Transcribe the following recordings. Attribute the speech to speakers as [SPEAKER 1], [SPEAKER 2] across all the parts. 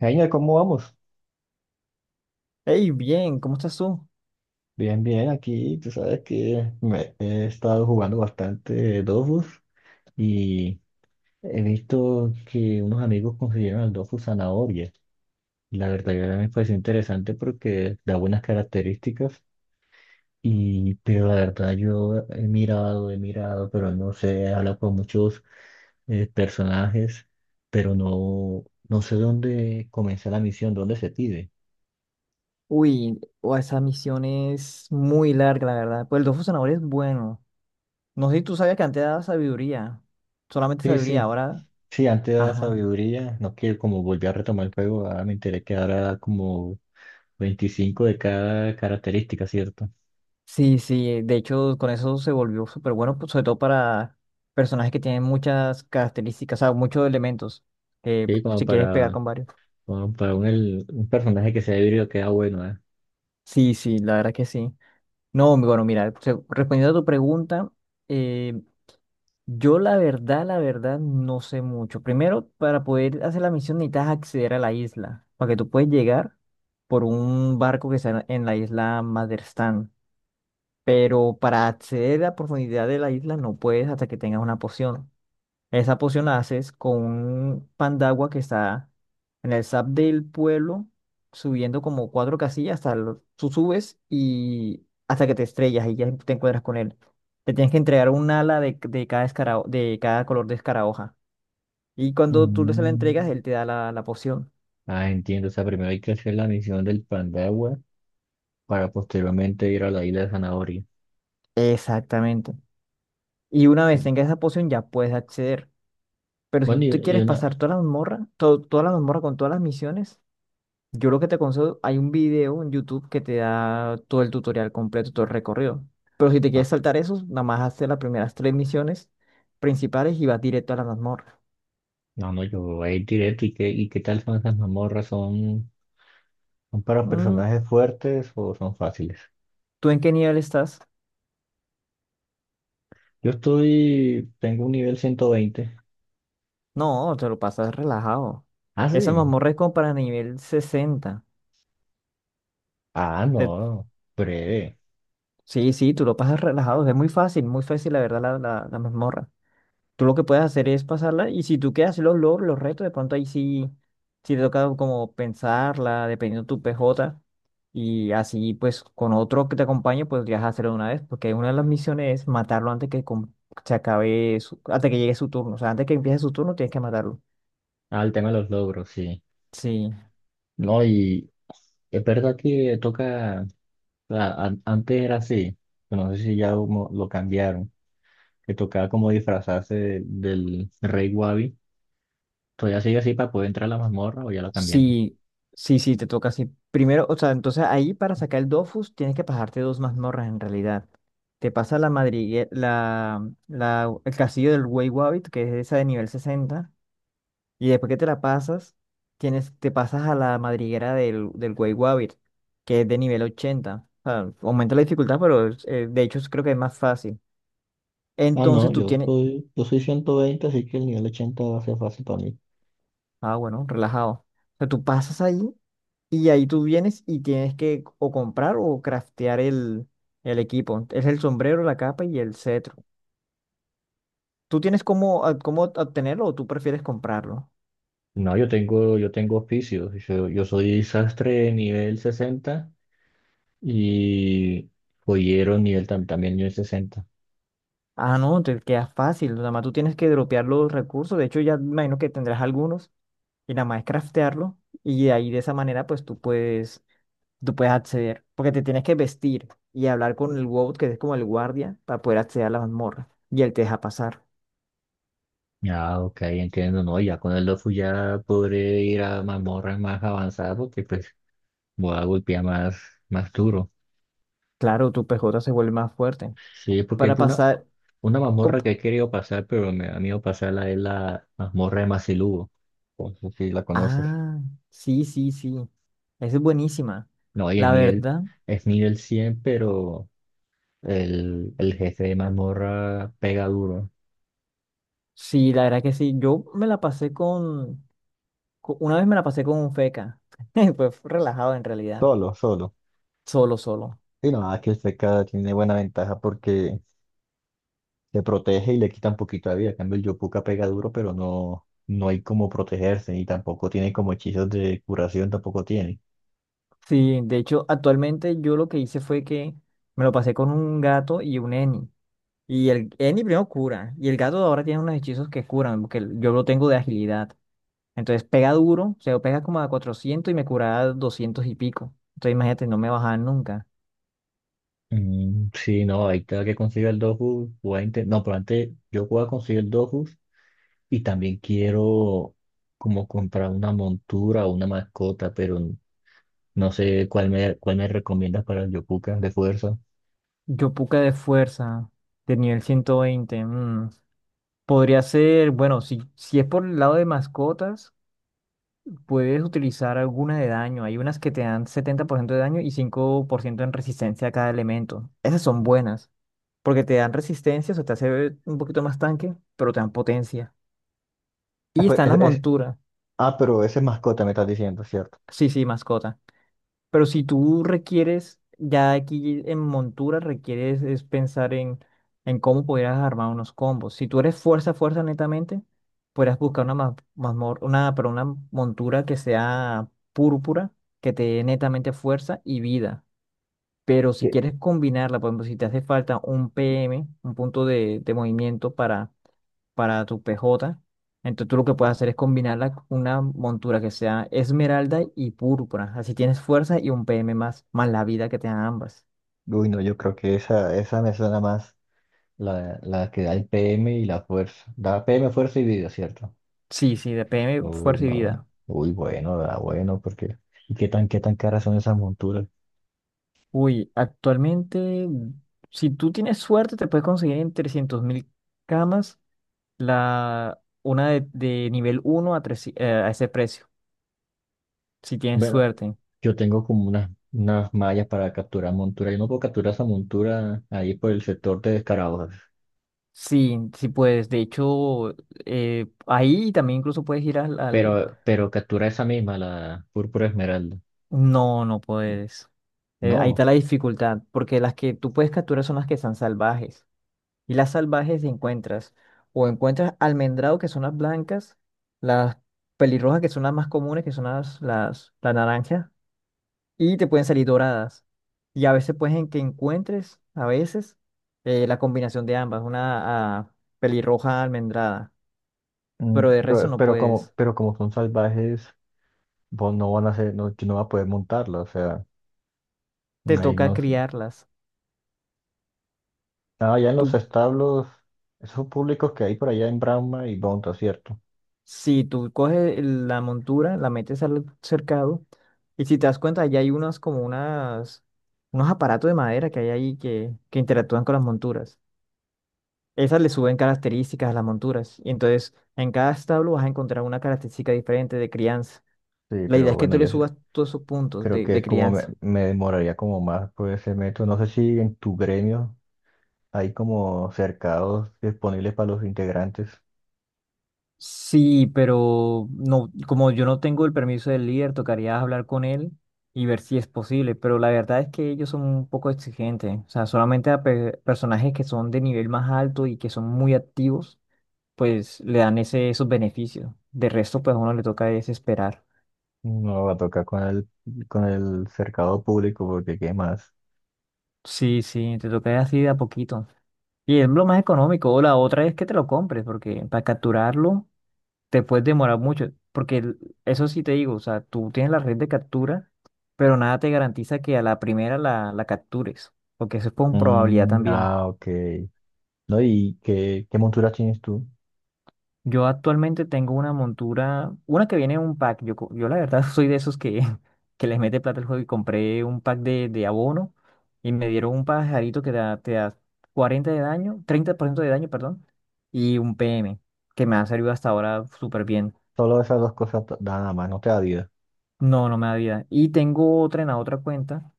[SPEAKER 1] Genial, ¿cómo vamos?
[SPEAKER 2] Hey, bien, ¿cómo estás tú?
[SPEAKER 1] Bien, bien, aquí tú sabes que me he estado jugando bastante Dofus y he visto que unos amigos consiguieron al Dofus zanahoria. La verdad que me pareció interesante porque da buenas características y pero la verdad yo he mirado, pero no sé, he hablado con muchos personajes, pero no sé dónde comenzar la misión, dónde se pide.
[SPEAKER 2] Uy, o esa misión es muy larga, la verdad. Pues el Dofus Zanahoria es bueno. No sé si tú sabías que antes daba sabiduría. Solamente
[SPEAKER 1] Sí,
[SPEAKER 2] sabiduría,
[SPEAKER 1] sí.
[SPEAKER 2] ahora.
[SPEAKER 1] Sí, antes daba
[SPEAKER 2] Ajá.
[SPEAKER 1] sabiduría, no que como volví a retomar el juego, ahora me enteré que ahora como 25 de cada característica, ¿cierto?
[SPEAKER 2] Sí, sí, de hecho, con eso se volvió súper bueno, pues, sobre todo para personajes que tienen muchas características, o sea, muchos elementos.
[SPEAKER 1] Sí, como
[SPEAKER 2] Si quieres pegar
[SPEAKER 1] para,
[SPEAKER 2] con varios.
[SPEAKER 1] como para un personaje que sea híbrido queda bueno, ¿eh?
[SPEAKER 2] Sí, sí, la verdad que sí. No, mi bueno, mira, respondiendo a tu pregunta. eh, Yo la verdad, no sé mucho. Primero, para poder hacer la misión necesitas acceder a la isla, para que tú puedes llegar por un barco que está en la isla Maderstan, pero para acceder a la profundidad de la isla no puedes hasta que tengas una poción. Esa poción la haces con un pan de agua que está en el SAP del pueblo, subiendo como cuatro casillas hasta tú subes y hasta que te estrellas y ya te encuentras con él. Te tienes que entregar un ala de de cada color de escarabajo. Y cuando tú se la entregas,
[SPEAKER 1] Mm.
[SPEAKER 2] él te da la poción.
[SPEAKER 1] Ah, entiendo, o sea, primero hay que hacer la misión del pan de agua para posteriormente ir a la isla de zanahoria.
[SPEAKER 2] Exactamente. Y una
[SPEAKER 1] Sí.
[SPEAKER 2] vez tengas esa poción, ya puedes acceder. Pero si
[SPEAKER 1] Bueno,
[SPEAKER 2] tú te
[SPEAKER 1] y
[SPEAKER 2] quieres pasar
[SPEAKER 1] una...
[SPEAKER 2] toda la mazmorra, toda la mazmorra con todas las misiones. Yo lo que te aconsejo, hay un video en YouTube que te da todo el tutorial completo, todo el recorrido. Pero si te quieres
[SPEAKER 1] Ah,
[SPEAKER 2] saltar eso, nada más haces las primeras tres misiones principales y vas directo a la mazmorra.
[SPEAKER 1] no, yo voy a ir directo, ¿y qué tal son esas mazmorras? ¿Son, son para
[SPEAKER 2] Mm,
[SPEAKER 1] personajes fuertes o son fáciles?
[SPEAKER 2] ¿Tú en qué nivel estás?
[SPEAKER 1] Tengo un nivel 120.
[SPEAKER 2] No, te lo pasas relajado.
[SPEAKER 1] Ah,
[SPEAKER 2] Esa
[SPEAKER 1] sí.
[SPEAKER 2] mazmorra es como para nivel 60.
[SPEAKER 1] Ah,
[SPEAKER 2] Te-
[SPEAKER 1] no, breve.
[SPEAKER 2] sí, sí, tú lo pasas relajado. Es muy fácil, la verdad, la mazmorra. Tú lo que puedes hacer es pasarla y si tú quieres hacer los logros, los retos, de pronto ahí sí, sí te toca como pensarla, dependiendo de tu PJ. Y así pues con otro que te acompañe podrías hacerlo de una vez, porque una de las misiones es matarlo antes que se acabe hasta que llegue su turno. O sea, antes que empiece su turno tienes que matarlo.
[SPEAKER 1] Ah, el tema de los logros, sí.
[SPEAKER 2] Sí.
[SPEAKER 1] No, y es verdad que toca, o sea, antes era así, pero no sé si ya como lo cambiaron, que tocaba como disfrazarse del rey Wabi. ¿Todavía sigue así para poder entrar a la mazmorra o ya lo cambiaron?
[SPEAKER 2] Sí, sí, sí, te toca así. Primero, o sea, entonces ahí para sacar el Dofus tienes que pasarte dos mazmorras en realidad. Te pasa la madriguera, el castillo del Wey Wabbit, que es esa de nivel 60, y después que te la pasas, te pasas a la madriguera del Wey Wabbit, que es de nivel 80. O sea, aumenta la dificultad, pero de hecho creo que es más fácil.
[SPEAKER 1] Ah, no,
[SPEAKER 2] Entonces tú tienes...
[SPEAKER 1] yo soy 120 así que el nivel 80 va a ser fácil para mí.
[SPEAKER 2] Ah, bueno, relajado. O sea, tú pasas ahí. Y ahí tú vienes y tienes que o comprar o craftear el equipo. Es el sombrero, la capa y el cetro. ¿Tú tienes cómo, cómo obtenerlo o tú prefieres comprarlo?
[SPEAKER 1] No, yo tengo oficios. Yo soy sastre nivel 60 y joyero nivel también nivel 60.
[SPEAKER 2] Ah, no, te queda fácil. Nada más tú tienes que dropear los recursos. De hecho, ya me imagino que tendrás algunos y nada más es craftearlo. Y ahí de esa manera, pues tú puedes acceder. Porque te tienes que vestir y hablar con el WOW, que es como el guardia, para poder acceder a la mazmorra. Y él te deja pasar.
[SPEAKER 1] Ah, ok, entiendo, no, ya con el Dofu ya podré ir a mazmorras más avanzadas porque pues voy a golpear más, más duro.
[SPEAKER 2] Claro, tu PJ se vuelve más fuerte.
[SPEAKER 1] Sí, porque
[SPEAKER 2] Para
[SPEAKER 1] es
[SPEAKER 2] pasar.
[SPEAKER 1] una mazmorra que he querido pasar, pero me da miedo pasarla es la mazmorra de Mazilugo, no sé si la conoces.
[SPEAKER 2] Ah, sí, sí, sí. Esa es buenísima.
[SPEAKER 1] No, y
[SPEAKER 2] La verdad,
[SPEAKER 1] es nivel 100 pero el jefe de mazmorra pega duro.
[SPEAKER 2] sí, la verdad que sí. Yo me la pasé con, co- Una vez me la pasé con un feca. Fue relajado en realidad.
[SPEAKER 1] Solo, solo.
[SPEAKER 2] Solo, solo.
[SPEAKER 1] Sí, no, aquí el Seca tiene buena ventaja porque te protege y le quita un poquito de vida. En cambio, el Yopuka pega duro, pero no hay como protegerse y tampoco tiene como hechizos de curación, tampoco tiene.
[SPEAKER 2] Sí, de hecho, actualmente yo lo que hice fue que me lo pasé con un gato y un Eni. Y el Eni primero cura. Y el gato ahora tiene unos hechizos que curan, porque yo lo tengo de agilidad. Entonces pega duro, o sea, pega como a 400 y me cura a 200 y pico. Entonces imagínate, no me bajaban nunca.
[SPEAKER 1] Mm, sí, no, ahí cada que consiga el Dofus, voy a inten- No, pero antes yo voy a conseguir el Dofus y también quiero como comprar una montura o una mascota, pero no sé cuál me recomiendas para el Yopuka de fuerza.
[SPEAKER 2] Yopuka de fuerza, de nivel 120. Mm. Podría ser, bueno, si es por el lado de mascotas, puedes utilizar alguna de daño. Hay unas que te dan 70% de daño y 5% en resistencia a cada elemento. Esas son buenas, porque te dan resistencia, o sea, te hace un poquito más tanque, pero te dan potencia.
[SPEAKER 1] Ah,
[SPEAKER 2] Y
[SPEAKER 1] pues,
[SPEAKER 2] están las monturas.
[SPEAKER 1] ah, pero ese es mascota me estás diciendo, ¿cierto?
[SPEAKER 2] Sí, sí, mascota. Pero si tú requieres, ya aquí en montura requieres es pensar en cómo pudieras armar unos combos. Si tú eres fuerza, fuerza netamente, podrías buscar una, ma- mazmor- una, pero una montura que sea púrpura, que te dé netamente fuerza y vida. Pero si
[SPEAKER 1] Sí.
[SPEAKER 2] quieres combinarla, por ejemplo, si te hace falta un PM, un punto de movimiento para tu PJ. Entonces tú lo que puedes hacer es combinarla con una montura que sea esmeralda y púrpura. Así tienes fuerza y un PM más, más la vida que te dan ambas.
[SPEAKER 1] Uy, no, yo creo que esa me suena más. La que da el PM y la fuerza. Da PM, fuerza y vida, ¿cierto?
[SPEAKER 2] Sí, sí, de PM,
[SPEAKER 1] Uy,
[SPEAKER 2] fuerza y
[SPEAKER 1] no.
[SPEAKER 2] vida.
[SPEAKER 1] Uy, bueno, da bueno, porque. ¿Y qué tan caras son esas monturas?
[SPEAKER 2] Uy, actualmente, si tú tienes suerte, te puedes conseguir en 300.000 camas una de nivel uno a 3, a ese precio, si tienes
[SPEAKER 1] Bueno,
[SPEAKER 2] suerte.
[SPEAKER 1] yo tengo como unas, unas mallas para capturar montura. Yo no puedo capturar esa montura ahí por el sector de Descarados,
[SPEAKER 2] Sí, sí puedes. De hecho, ahí también incluso puedes ir al...
[SPEAKER 1] pero captura esa misma, la púrpura esmeralda.
[SPEAKER 2] No, no puedes. Ahí
[SPEAKER 1] No.
[SPEAKER 2] está la dificultad, porque las que tú puedes capturar son las que están salvajes. Y las salvajes encuentras, o encuentras almendrado, que son las blancas, las pelirrojas, que son las más comunes, que son las naranjas, y te pueden salir doradas. Y a veces pueden que encuentres, a veces, la combinación de ambas, una pelirroja almendrada,
[SPEAKER 1] Mm,
[SPEAKER 2] pero de resto
[SPEAKER 1] pero,
[SPEAKER 2] no puedes.
[SPEAKER 1] pero como son salvajes, vos no van a ser, no, yo no va a poder montarla, o sea,
[SPEAKER 2] Te
[SPEAKER 1] ahí
[SPEAKER 2] toca
[SPEAKER 1] no.
[SPEAKER 2] criarlas.
[SPEAKER 1] Ah, allá en los establos, esos públicos que hay por allá en Brahma y Bonta, ¿cierto?
[SPEAKER 2] Si tú coges la montura, la metes al cercado, y si te das cuenta, ya hay unos aparatos de madera que hay ahí que interactúan con las monturas. Esas le suben características a las monturas. Y entonces, en cada establo vas a encontrar una característica diferente de crianza.
[SPEAKER 1] Sí,
[SPEAKER 2] La idea
[SPEAKER 1] pero
[SPEAKER 2] es que
[SPEAKER 1] bueno,
[SPEAKER 2] tú le
[SPEAKER 1] yo sé-
[SPEAKER 2] subas todos esos puntos
[SPEAKER 1] creo
[SPEAKER 2] de,
[SPEAKER 1] que
[SPEAKER 2] de
[SPEAKER 1] es como
[SPEAKER 2] crianza.
[SPEAKER 1] me demoraría como más por ese método. No sé si en tu gremio hay como cercados disponibles para los integrantes.
[SPEAKER 2] Sí, pero no, como yo no tengo el permiso del líder, tocaría hablar con él y ver si es posible. Pero la verdad es que ellos son un poco exigentes. O sea, solamente a personajes que son de nivel más alto y que son muy activos, pues le dan esos beneficios. De resto, pues a uno le toca es esperar.
[SPEAKER 1] No, va a tocar con con el cercado público porque ¿qué más?
[SPEAKER 2] Sí, sí, te toca así de a poquito. Y es lo más económico. O la otra es que te lo compres, porque para capturarlo te puedes demorar mucho, porque eso sí te digo, o sea, tú tienes la red de captura, pero nada te garantiza que a la primera la captures, porque eso es con probabilidad
[SPEAKER 1] Mm,
[SPEAKER 2] también.
[SPEAKER 1] ah, ok. No, ¿y qué monturas tienes tú?
[SPEAKER 2] Yo actualmente tengo una montura, una que viene en un pack, yo la verdad soy de esos que les mete plata al juego y compré un pack de abono y me dieron un pajarito que te da 40 de daño, 30% de daño, perdón, y un PM, que me ha servido hasta ahora súper bien.
[SPEAKER 1] Solo esas dos cosas t- nada más, no te da vida.
[SPEAKER 2] No, no me da vida. Y tengo otra en la otra cuenta.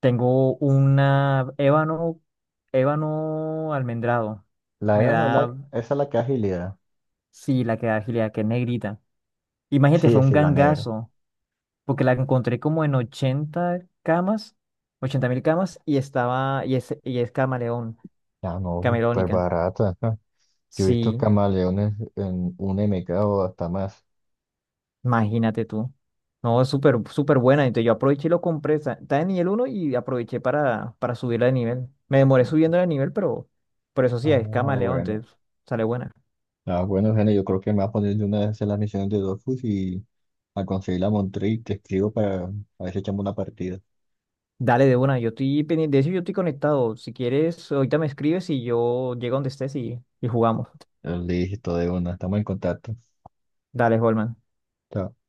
[SPEAKER 2] Tengo una ébano, ébano almendrado.
[SPEAKER 1] La
[SPEAKER 2] Me
[SPEAKER 1] Eva no, la,
[SPEAKER 2] da,
[SPEAKER 1] esa es la que agilidad.
[SPEAKER 2] sí, la que da agilidad, que es negrita. Imagínate, fue
[SPEAKER 1] Sí,
[SPEAKER 2] un
[SPEAKER 1] sí, la negra.
[SPEAKER 2] gangazo, porque la encontré como en 80 camas, 80 mil camas, y es camaleón,
[SPEAKER 1] Ah, no, súper
[SPEAKER 2] camerónica.
[SPEAKER 1] barata. Ajá. Yo he visto
[SPEAKER 2] Sí,
[SPEAKER 1] camaleones en un MK o hasta más.
[SPEAKER 2] imagínate tú. No, es súper, súper buena. Entonces yo aproveché y lo compré. Está en nivel uno y aproveché para subirla de nivel. Me demoré subiendo de nivel, pero por eso
[SPEAKER 1] Ah,
[SPEAKER 2] sí, es camaleón,
[SPEAKER 1] bueno.
[SPEAKER 2] entonces sale buena.
[SPEAKER 1] Ah, bueno, Gene, yo creo que me va a poner de una vez a hacer las misiones de Dofus y a conseguir la Montrey y te escribo para a ver si echamos una partida.
[SPEAKER 2] Dale de una, yo estoy pendiente de eso, yo estoy conectado. Si quieres, ahorita me escribes y yo llego donde estés y jugamos.
[SPEAKER 1] Listo, de una. Estamos en contacto.
[SPEAKER 2] Dale, Holman.
[SPEAKER 1] Chao.